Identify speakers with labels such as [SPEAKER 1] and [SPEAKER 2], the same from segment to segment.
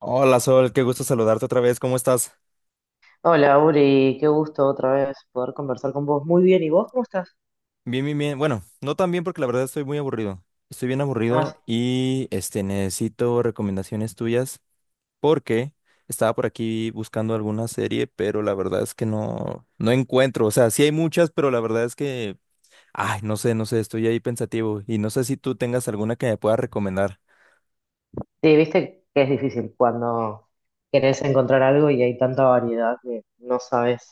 [SPEAKER 1] Hola Sol, qué gusto saludarte otra vez, ¿cómo estás?
[SPEAKER 2] Hola, Uri, qué gusto otra vez poder conversar con vos. Muy bien, ¿y vos cómo estás?
[SPEAKER 1] Bien, bien, bien. Bueno, no tan bien porque la verdad estoy muy aburrido. Estoy bien
[SPEAKER 2] Ah, sí,
[SPEAKER 1] aburrido y este necesito recomendaciones tuyas porque estaba por aquí buscando alguna serie, pero la verdad es que no encuentro, o sea, sí hay muchas, pero la verdad es que ay, no sé, no sé, estoy ahí pensativo y no sé si tú tengas alguna que me puedas recomendar.
[SPEAKER 2] sí, viste que es difícil cuando querés encontrar algo y hay tanta variedad que no sabes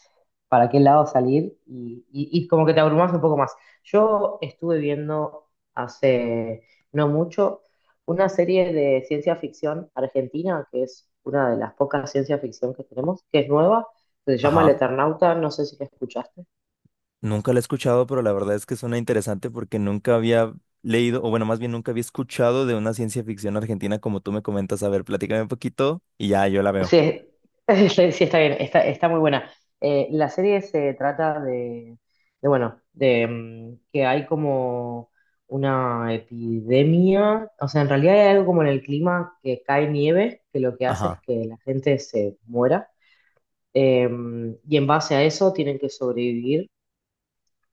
[SPEAKER 2] para qué lado salir y como que te abrumás un poco más. Yo estuve viendo hace no mucho una serie de ciencia ficción argentina, que es una de las pocas ciencia ficción que tenemos, que es nueva, que se llama El
[SPEAKER 1] Ajá.
[SPEAKER 2] Eternauta, no sé si la escuchaste.
[SPEAKER 1] Nunca la he escuchado, pero la verdad es que suena interesante porque nunca había leído, o bueno, más bien nunca había escuchado de una ciencia ficción argentina como tú me comentas. A ver, platícame un poquito y ya yo la veo.
[SPEAKER 2] Sí, es- sí, está bien, está muy buena. La serie se trata bueno, de que hay como una epidemia, o sea, en realidad hay algo como en el clima que cae nieve, que lo que hace es
[SPEAKER 1] Ajá,
[SPEAKER 2] que la gente se muera. Eh, y en base a eso tienen que sobrevivir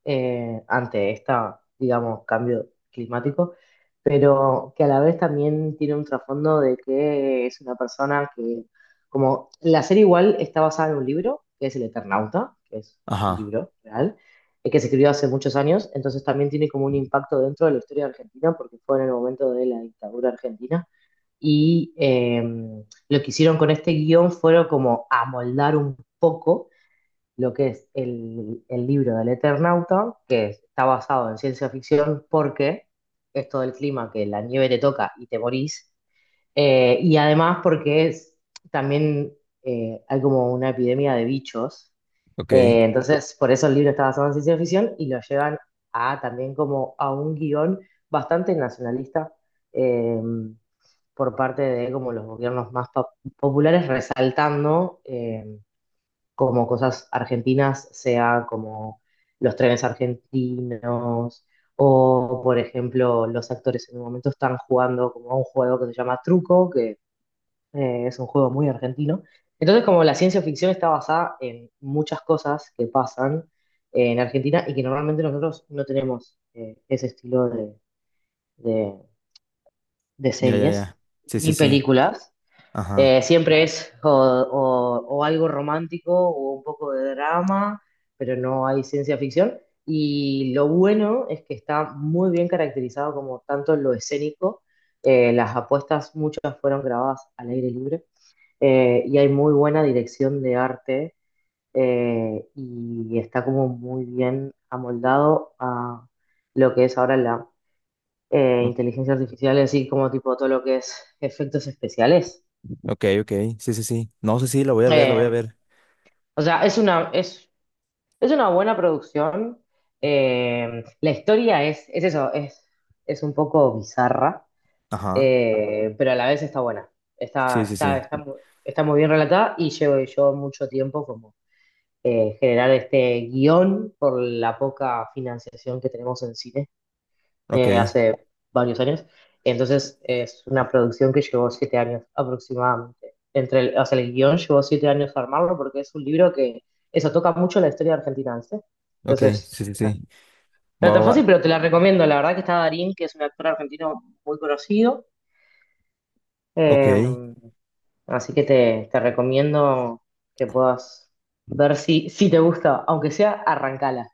[SPEAKER 2] ante esta, digamos, cambio climático, pero que a la vez también tiene un trasfondo de que es una persona que, como la serie igual está basada en un libro, que es El Eternauta, que es un
[SPEAKER 1] ajá,
[SPEAKER 2] libro real, que se escribió hace muchos años. Entonces también tiene como un impacto dentro de la historia argentina, porque fue en el momento de la dictadura argentina. Y eh, lo que hicieron con este guión fueron como amoldar un poco lo que es el libro del Eternauta, que está basado en ciencia ficción porque esto del clima, que la nieve te toca y te morís, y además porque es, también hay como una epidemia de bichos.
[SPEAKER 1] ok,
[SPEAKER 2] Entonces por eso el libro está basado en ciencia ficción y lo llevan a también como a un guión bastante nacionalista, eh, por parte de como los gobiernos más populares, resaltando como cosas argentinas, sea como los trenes argentinos, o por ejemplo, los actores en un momento están jugando como a un juego que se llama Truco, que es un juego muy argentino. Entonces, como la ciencia ficción está basada en muchas cosas que pasan en Argentina y que normalmente nosotros no tenemos ese estilo de, de- de
[SPEAKER 1] ya, ya,
[SPEAKER 2] series
[SPEAKER 1] ya. Sí, sí,
[SPEAKER 2] ni
[SPEAKER 1] sí,
[SPEAKER 2] películas.
[SPEAKER 1] ajá.
[SPEAKER 2] Siempre es o algo romántico o un poco de drama, pero no hay ciencia ficción. Y lo bueno es que está muy bien caracterizado como tanto lo escénico, las apuestas muchas fueron grabadas al aire libre, y hay muy buena dirección de arte, y está como muy bien amoldado a lo que es ahora la
[SPEAKER 1] o-
[SPEAKER 2] inteligencia artificial, así como tipo todo lo que es efectos especiales.
[SPEAKER 1] Ok, ok, sí, sí, sí. No, sí, sí, la voy a ver, la voy a
[SPEAKER 2] Eh,
[SPEAKER 1] ver.
[SPEAKER 2] O sea, es una buena producción. La historia es eso, es un poco bizarra,
[SPEAKER 1] Ajá,
[SPEAKER 2] pero a la vez está buena. Está,
[SPEAKER 1] sí, sí,
[SPEAKER 2] está, está,
[SPEAKER 1] sí.
[SPEAKER 2] mu- Está muy bien relatada y llevo yo mucho tiempo como generar este guión por la poca financiación que tenemos en cine
[SPEAKER 1] Ok,
[SPEAKER 2] hace varios años. Entonces es una producción que llevó 7 años aproximadamente. O sea, el guión llevó 7 años armarlo porque es un libro que eso toca mucho la historia argentina, ¿sí?
[SPEAKER 1] ok,
[SPEAKER 2] Entonces,
[SPEAKER 1] sí, sí, sí.
[SPEAKER 2] no es
[SPEAKER 1] Va, va,
[SPEAKER 2] tan
[SPEAKER 1] va.
[SPEAKER 2] fácil, pero te la recomiendo. La verdad que está Darín, que es un actor argentino muy conocido.
[SPEAKER 1] Ok.
[SPEAKER 2] Eh, Así que te recomiendo que puedas ver si te gusta, aunque sea arrancala.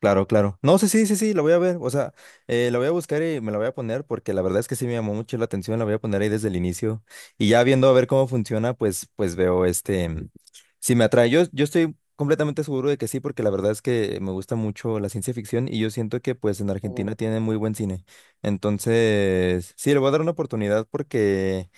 [SPEAKER 1] Claro, claro. No, sí, sí, sí, sí, la voy a ver. O sea, la voy a buscar y me la voy a poner porque la verdad es que sí me llamó mucho la atención. La voy a poner ahí desde el inicio. Y ya viendo a ver cómo funciona, pues, pues veo este, si me atrae. Yo estoy completamente seguro de que sí, porque la verdad es que me gusta mucho la ciencia ficción y yo siento que pues en
[SPEAKER 2] Mm.
[SPEAKER 1] Argentina tiene muy buen cine. Entonces, sí, le voy a dar una oportunidad porque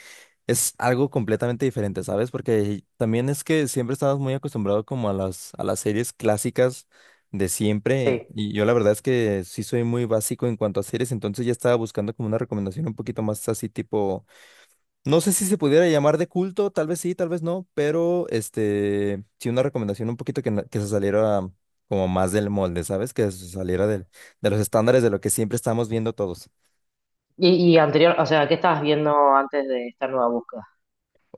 [SPEAKER 1] es algo completamente diferente, ¿sabes? Porque también es que siempre estabas muy acostumbrado como a las series clásicas de siempre.
[SPEAKER 2] Sí.
[SPEAKER 1] Y yo la verdad es que sí soy muy básico en cuanto a series, entonces ya estaba buscando como una recomendación un poquito más así tipo, no sé si se pudiera llamar de culto, tal vez sí, tal vez no, pero este, sí una recomendación un poquito que, que se saliera como más del molde, ¿sabes? Que se saliera del, de los estándares de lo que siempre estamos viendo todos.
[SPEAKER 2] Y anterior, o sea, ¿qué estabas viendo antes de esta nueva búsqueda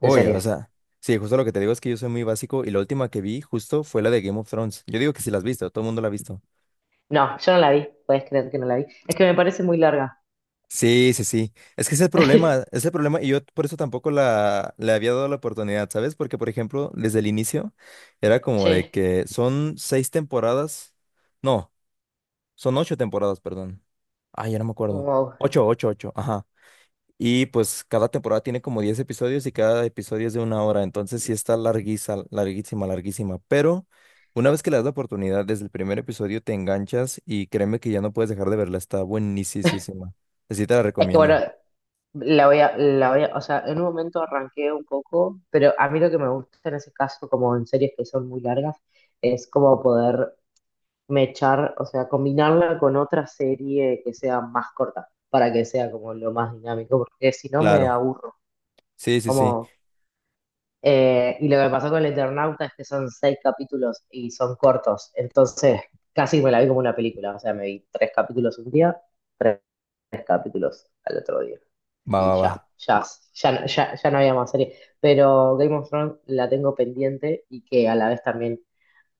[SPEAKER 2] de
[SPEAKER 1] o
[SPEAKER 2] series?
[SPEAKER 1] sea, sí, justo lo que te digo es que yo soy muy básico y la última que vi justo fue la de Game of Thrones. Yo digo que sí la has visto, todo el mundo la ha visto.
[SPEAKER 2] No, yo no la vi, puedes creer que no la vi. Es que me parece muy larga.
[SPEAKER 1] Sí, sí, sí. Es que ese es el problema y yo por eso tampoco le había dado la oportunidad, ¿sabes? Porque, por ejemplo, desde el inicio era como de
[SPEAKER 2] Sí,
[SPEAKER 1] que son seis temporadas, no, son ocho temporadas, perdón. Ay, ya no me acuerdo.
[SPEAKER 2] wow.
[SPEAKER 1] Ocho, ocho, ocho, ajá. Y pues cada temporada tiene como 10 episodios y cada episodio es de una hora, entonces sí está larguísima, larguísima, larguísima. Pero una vez que le das la oportunidad, desde el primer episodio te enganchas y créeme que ya no puedes dejar de verla, está buenísima. Así te la
[SPEAKER 2] Es que bueno,
[SPEAKER 1] recomiendo.
[SPEAKER 2] la voy a, o sea, en un momento arranqué un poco, pero a mí lo que me gusta en ese caso, como en series que son muy largas, es como poder mechar, o sea, combinarla con otra serie que sea más corta, para que sea como lo más dinámico, porque si no me
[SPEAKER 1] Claro,
[SPEAKER 2] aburro.
[SPEAKER 1] sí, sí, sí.
[SPEAKER 2] Como. Y lo que pasó con el Eternauta es que son 6 capítulos y son cortos. Entonces, casi me la vi como una película. O sea, me vi 3 capítulos un día, 3 capítulos al otro día.
[SPEAKER 1] Va,
[SPEAKER 2] Y
[SPEAKER 1] va, va.
[SPEAKER 2] ya no había más serie. Pero Game of Thrones la tengo pendiente y que a la vez también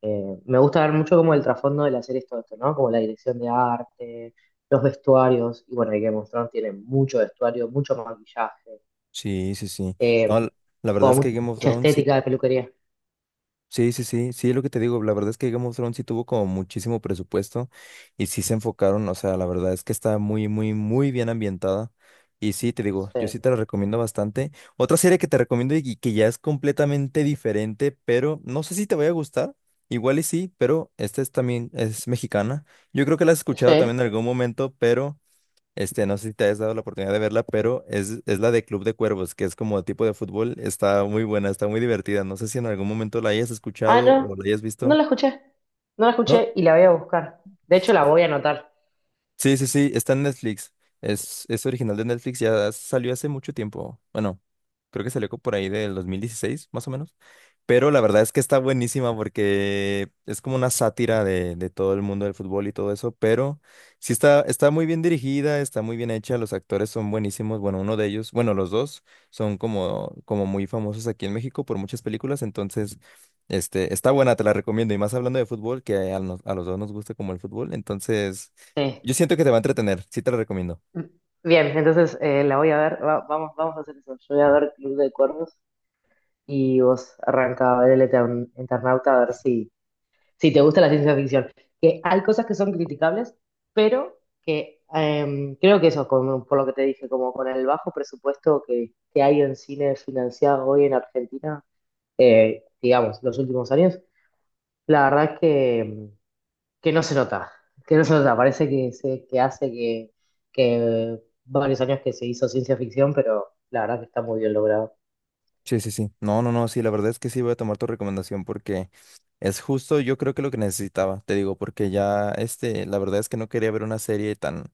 [SPEAKER 2] me gusta ver mucho como el trasfondo de la serie todo esto, ¿no? Como la dirección de arte, los vestuarios. Y bueno, y Game of Thrones tiene mucho vestuario, mucho maquillaje,
[SPEAKER 1] Sí, sí, sí. No,
[SPEAKER 2] eh,
[SPEAKER 1] la verdad es
[SPEAKER 2] con
[SPEAKER 1] que Game of
[SPEAKER 2] mucha
[SPEAKER 1] Thrones sí.
[SPEAKER 2] estética de peluquería.
[SPEAKER 1] Sí, sí, sí, sí, es lo que te digo, la verdad es que Game of Thrones sí tuvo como muchísimo presupuesto y sí se enfocaron, o sea, la verdad es que está muy, muy, muy bien ambientada y sí, te digo, yo
[SPEAKER 2] Sí.
[SPEAKER 1] sí te la recomiendo bastante. Otra serie que te recomiendo y que ya es completamente diferente, pero no sé si te vaya a gustar, igual y sí, pero esta es también, es mexicana. Yo creo que la has
[SPEAKER 2] Sí.
[SPEAKER 1] escuchado también en algún momento, pero este, no sé si te has dado la oportunidad de verla, pero es la de Club de Cuervos, que es como tipo de fútbol. Está muy buena, está muy divertida. No sé si en algún momento la hayas
[SPEAKER 2] Ah,
[SPEAKER 1] escuchado o
[SPEAKER 2] no.
[SPEAKER 1] la hayas
[SPEAKER 2] No
[SPEAKER 1] visto.
[SPEAKER 2] la escuché. No la
[SPEAKER 1] No,
[SPEAKER 2] escuché y la voy a buscar. De hecho, la voy a anotar.
[SPEAKER 1] sí, sí, sí, está en Netflix. Es original de Netflix, ya salió hace mucho tiempo. Bueno, creo que salió por ahí del 2016 más o menos. Pero la verdad es que está buenísima porque es como una sátira de todo el mundo del fútbol y todo eso, pero sí está, está muy bien dirigida, está muy bien hecha, los actores son buenísimos. Bueno, uno de ellos, bueno, los dos son como, como muy famosos aquí en México por muchas películas, entonces este, está buena, te la recomiendo. Y más hablando de fútbol, que a, a los dos nos gusta como el fútbol, entonces...
[SPEAKER 2] Sí.
[SPEAKER 1] Yo siento que te va a entretener, sí te lo recomiendo.
[SPEAKER 2] Bien, entonces la voy a ver. Vamos, vamos a hacer eso. Yo voy a ver Club de Cuervos y vos arranca a ver el Eternauta a ver si te gusta la ciencia ficción. Que hay cosas que son criticables, pero que creo que eso, como, por lo que te dije, como con el bajo presupuesto que hay en cine financiado hoy en Argentina, digamos, los últimos años, la verdad que que no se nota, que no se nota, parece que hace que varios años que se hizo ciencia ficción, pero la verdad que está muy bien logrado.
[SPEAKER 1] Sí, sí, sí. No, no, no, sí, la verdad es que sí voy a tomar tu recomendación porque es justo, yo creo que lo que necesitaba, te digo, porque ya, este, la verdad es que no quería ver una serie tan,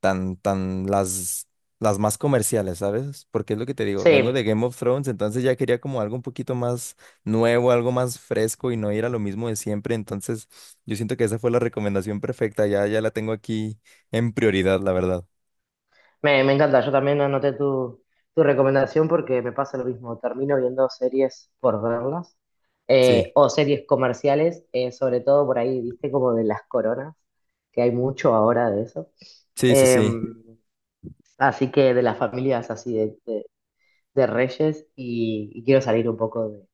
[SPEAKER 1] tan, tan, las más comerciales, ¿sabes? Porque es lo que te digo, vengo de
[SPEAKER 2] Sí,
[SPEAKER 1] Game of Thrones, entonces ya quería como algo un poquito más nuevo, algo más fresco y no ir a lo mismo de siempre, entonces yo siento que esa fue la recomendación perfecta, ya, ya la tengo aquí en prioridad, la verdad.
[SPEAKER 2] me encanta, yo también anoté tu recomendación porque me pasa lo mismo, termino viendo series por verlas,
[SPEAKER 1] Sí,
[SPEAKER 2] o series comerciales, sobre todo por ahí, viste, como de las coronas, que hay mucho ahora de eso.
[SPEAKER 1] sí, sí,
[SPEAKER 2] Eh,
[SPEAKER 1] sí.
[SPEAKER 2] Así que de las familias así de, de reyes y quiero salir un poco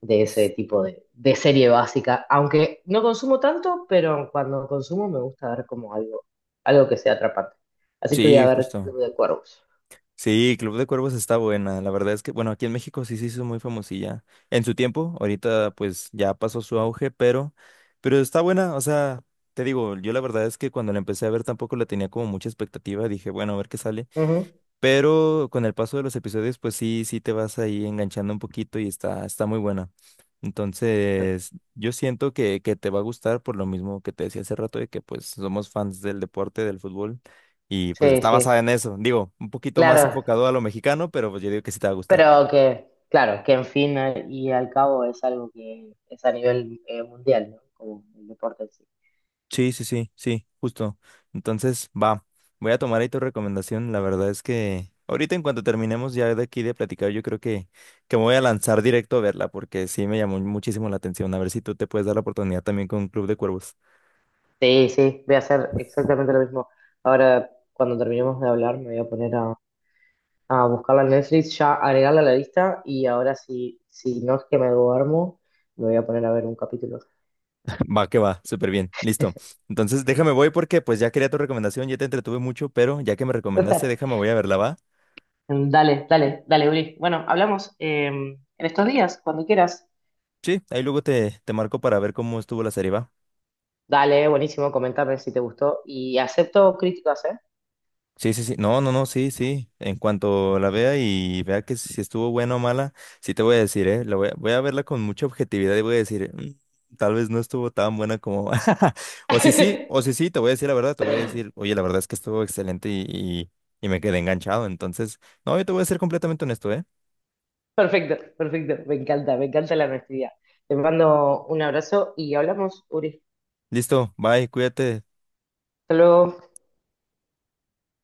[SPEAKER 2] de ese tipo de serie básica, aunque no consumo tanto, pero cuando consumo me gusta ver como algo, algo que sea atrapante. Así que voy a
[SPEAKER 1] Sí,
[SPEAKER 2] ver
[SPEAKER 1] justo.
[SPEAKER 2] Club de Cuervos.
[SPEAKER 1] Sí, Club de Cuervos está buena. La verdad es que, bueno, aquí en México sí se hizo muy famosilla. En su tiempo, ahorita pues ya pasó su auge, pero está buena. O sea, te digo, yo la verdad es que cuando la empecé a ver tampoco la tenía como mucha expectativa. Dije, bueno, a ver qué sale.
[SPEAKER 2] Ujú.
[SPEAKER 1] Pero con el paso de los episodios, pues sí, sí te vas ahí enganchando un poquito y está, está muy buena. Entonces, yo siento que te va a gustar por lo mismo que te decía hace rato de que pues somos fans del deporte, del fútbol, y pues
[SPEAKER 2] Sí,
[SPEAKER 1] está
[SPEAKER 2] sí,
[SPEAKER 1] basada en eso. Digo, un poquito más
[SPEAKER 2] claro,
[SPEAKER 1] enfocado a lo mexicano, pero pues yo digo que sí te va a gustar.
[SPEAKER 2] pero que, claro, que en fin y al cabo es algo que es a nivel mundial, ¿no? Como el deporte en sí.
[SPEAKER 1] Sí, sí, sí, sí, justo. Entonces, va, voy a tomar ahí tu recomendación. La verdad es que ahorita en cuanto terminemos ya de aquí de platicar, yo creo que me voy a lanzar directo a verla porque sí me llamó muchísimo la atención. A ver si tú te puedes dar la oportunidad también con Club de Cuervos.
[SPEAKER 2] Sí, sí, voy a hacer exactamente lo mismo. Ahora, cuando terminemos de hablar, me voy a poner a buscarla en Netflix, ya agregarla a la lista y ahora si, si no es que me duermo, me voy a poner a ver un capítulo.
[SPEAKER 1] Va, que va, súper bien, listo. Entonces, déjame voy porque pues ya quería tu recomendación, ya te entretuve mucho, pero ya que me recomendaste, déjame voy a verla, ¿va?
[SPEAKER 2] Dale, dale, dale, Uri. Bueno, hablamos en estos días, cuando quieras.
[SPEAKER 1] Sí, ahí luego te marco para ver cómo estuvo la serie, ¿va?
[SPEAKER 2] Dale, buenísimo, comentame si te gustó y acepto críticas, ¿eh?
[SPEAKER 1] Sí, sí, sí. No, no, no, sí, sí. En cuanto la vea y vea que si estuvo buena o mala, sí te voy a decir, ¿eh? La voy a, voy a verla con mucha objetividad y voy a decir, "Mm, tal vez no estuvo tan buena como... o si sí, te voy a decir la verdad, te voy a decir, oye, la verdad es que estuvo excelente y me quedé enganchado. Entonces, no, yo te voy a ser completamente honesto, ¿eh?
[SPEAKER 2] Perfecto, perfecto, me encanta la honestidad. Te mando un abrazo y hablamos, Uri.
[SPEAKER 1] Listo, bye, cuídate.
[SPEAKER 2] Hasta luego.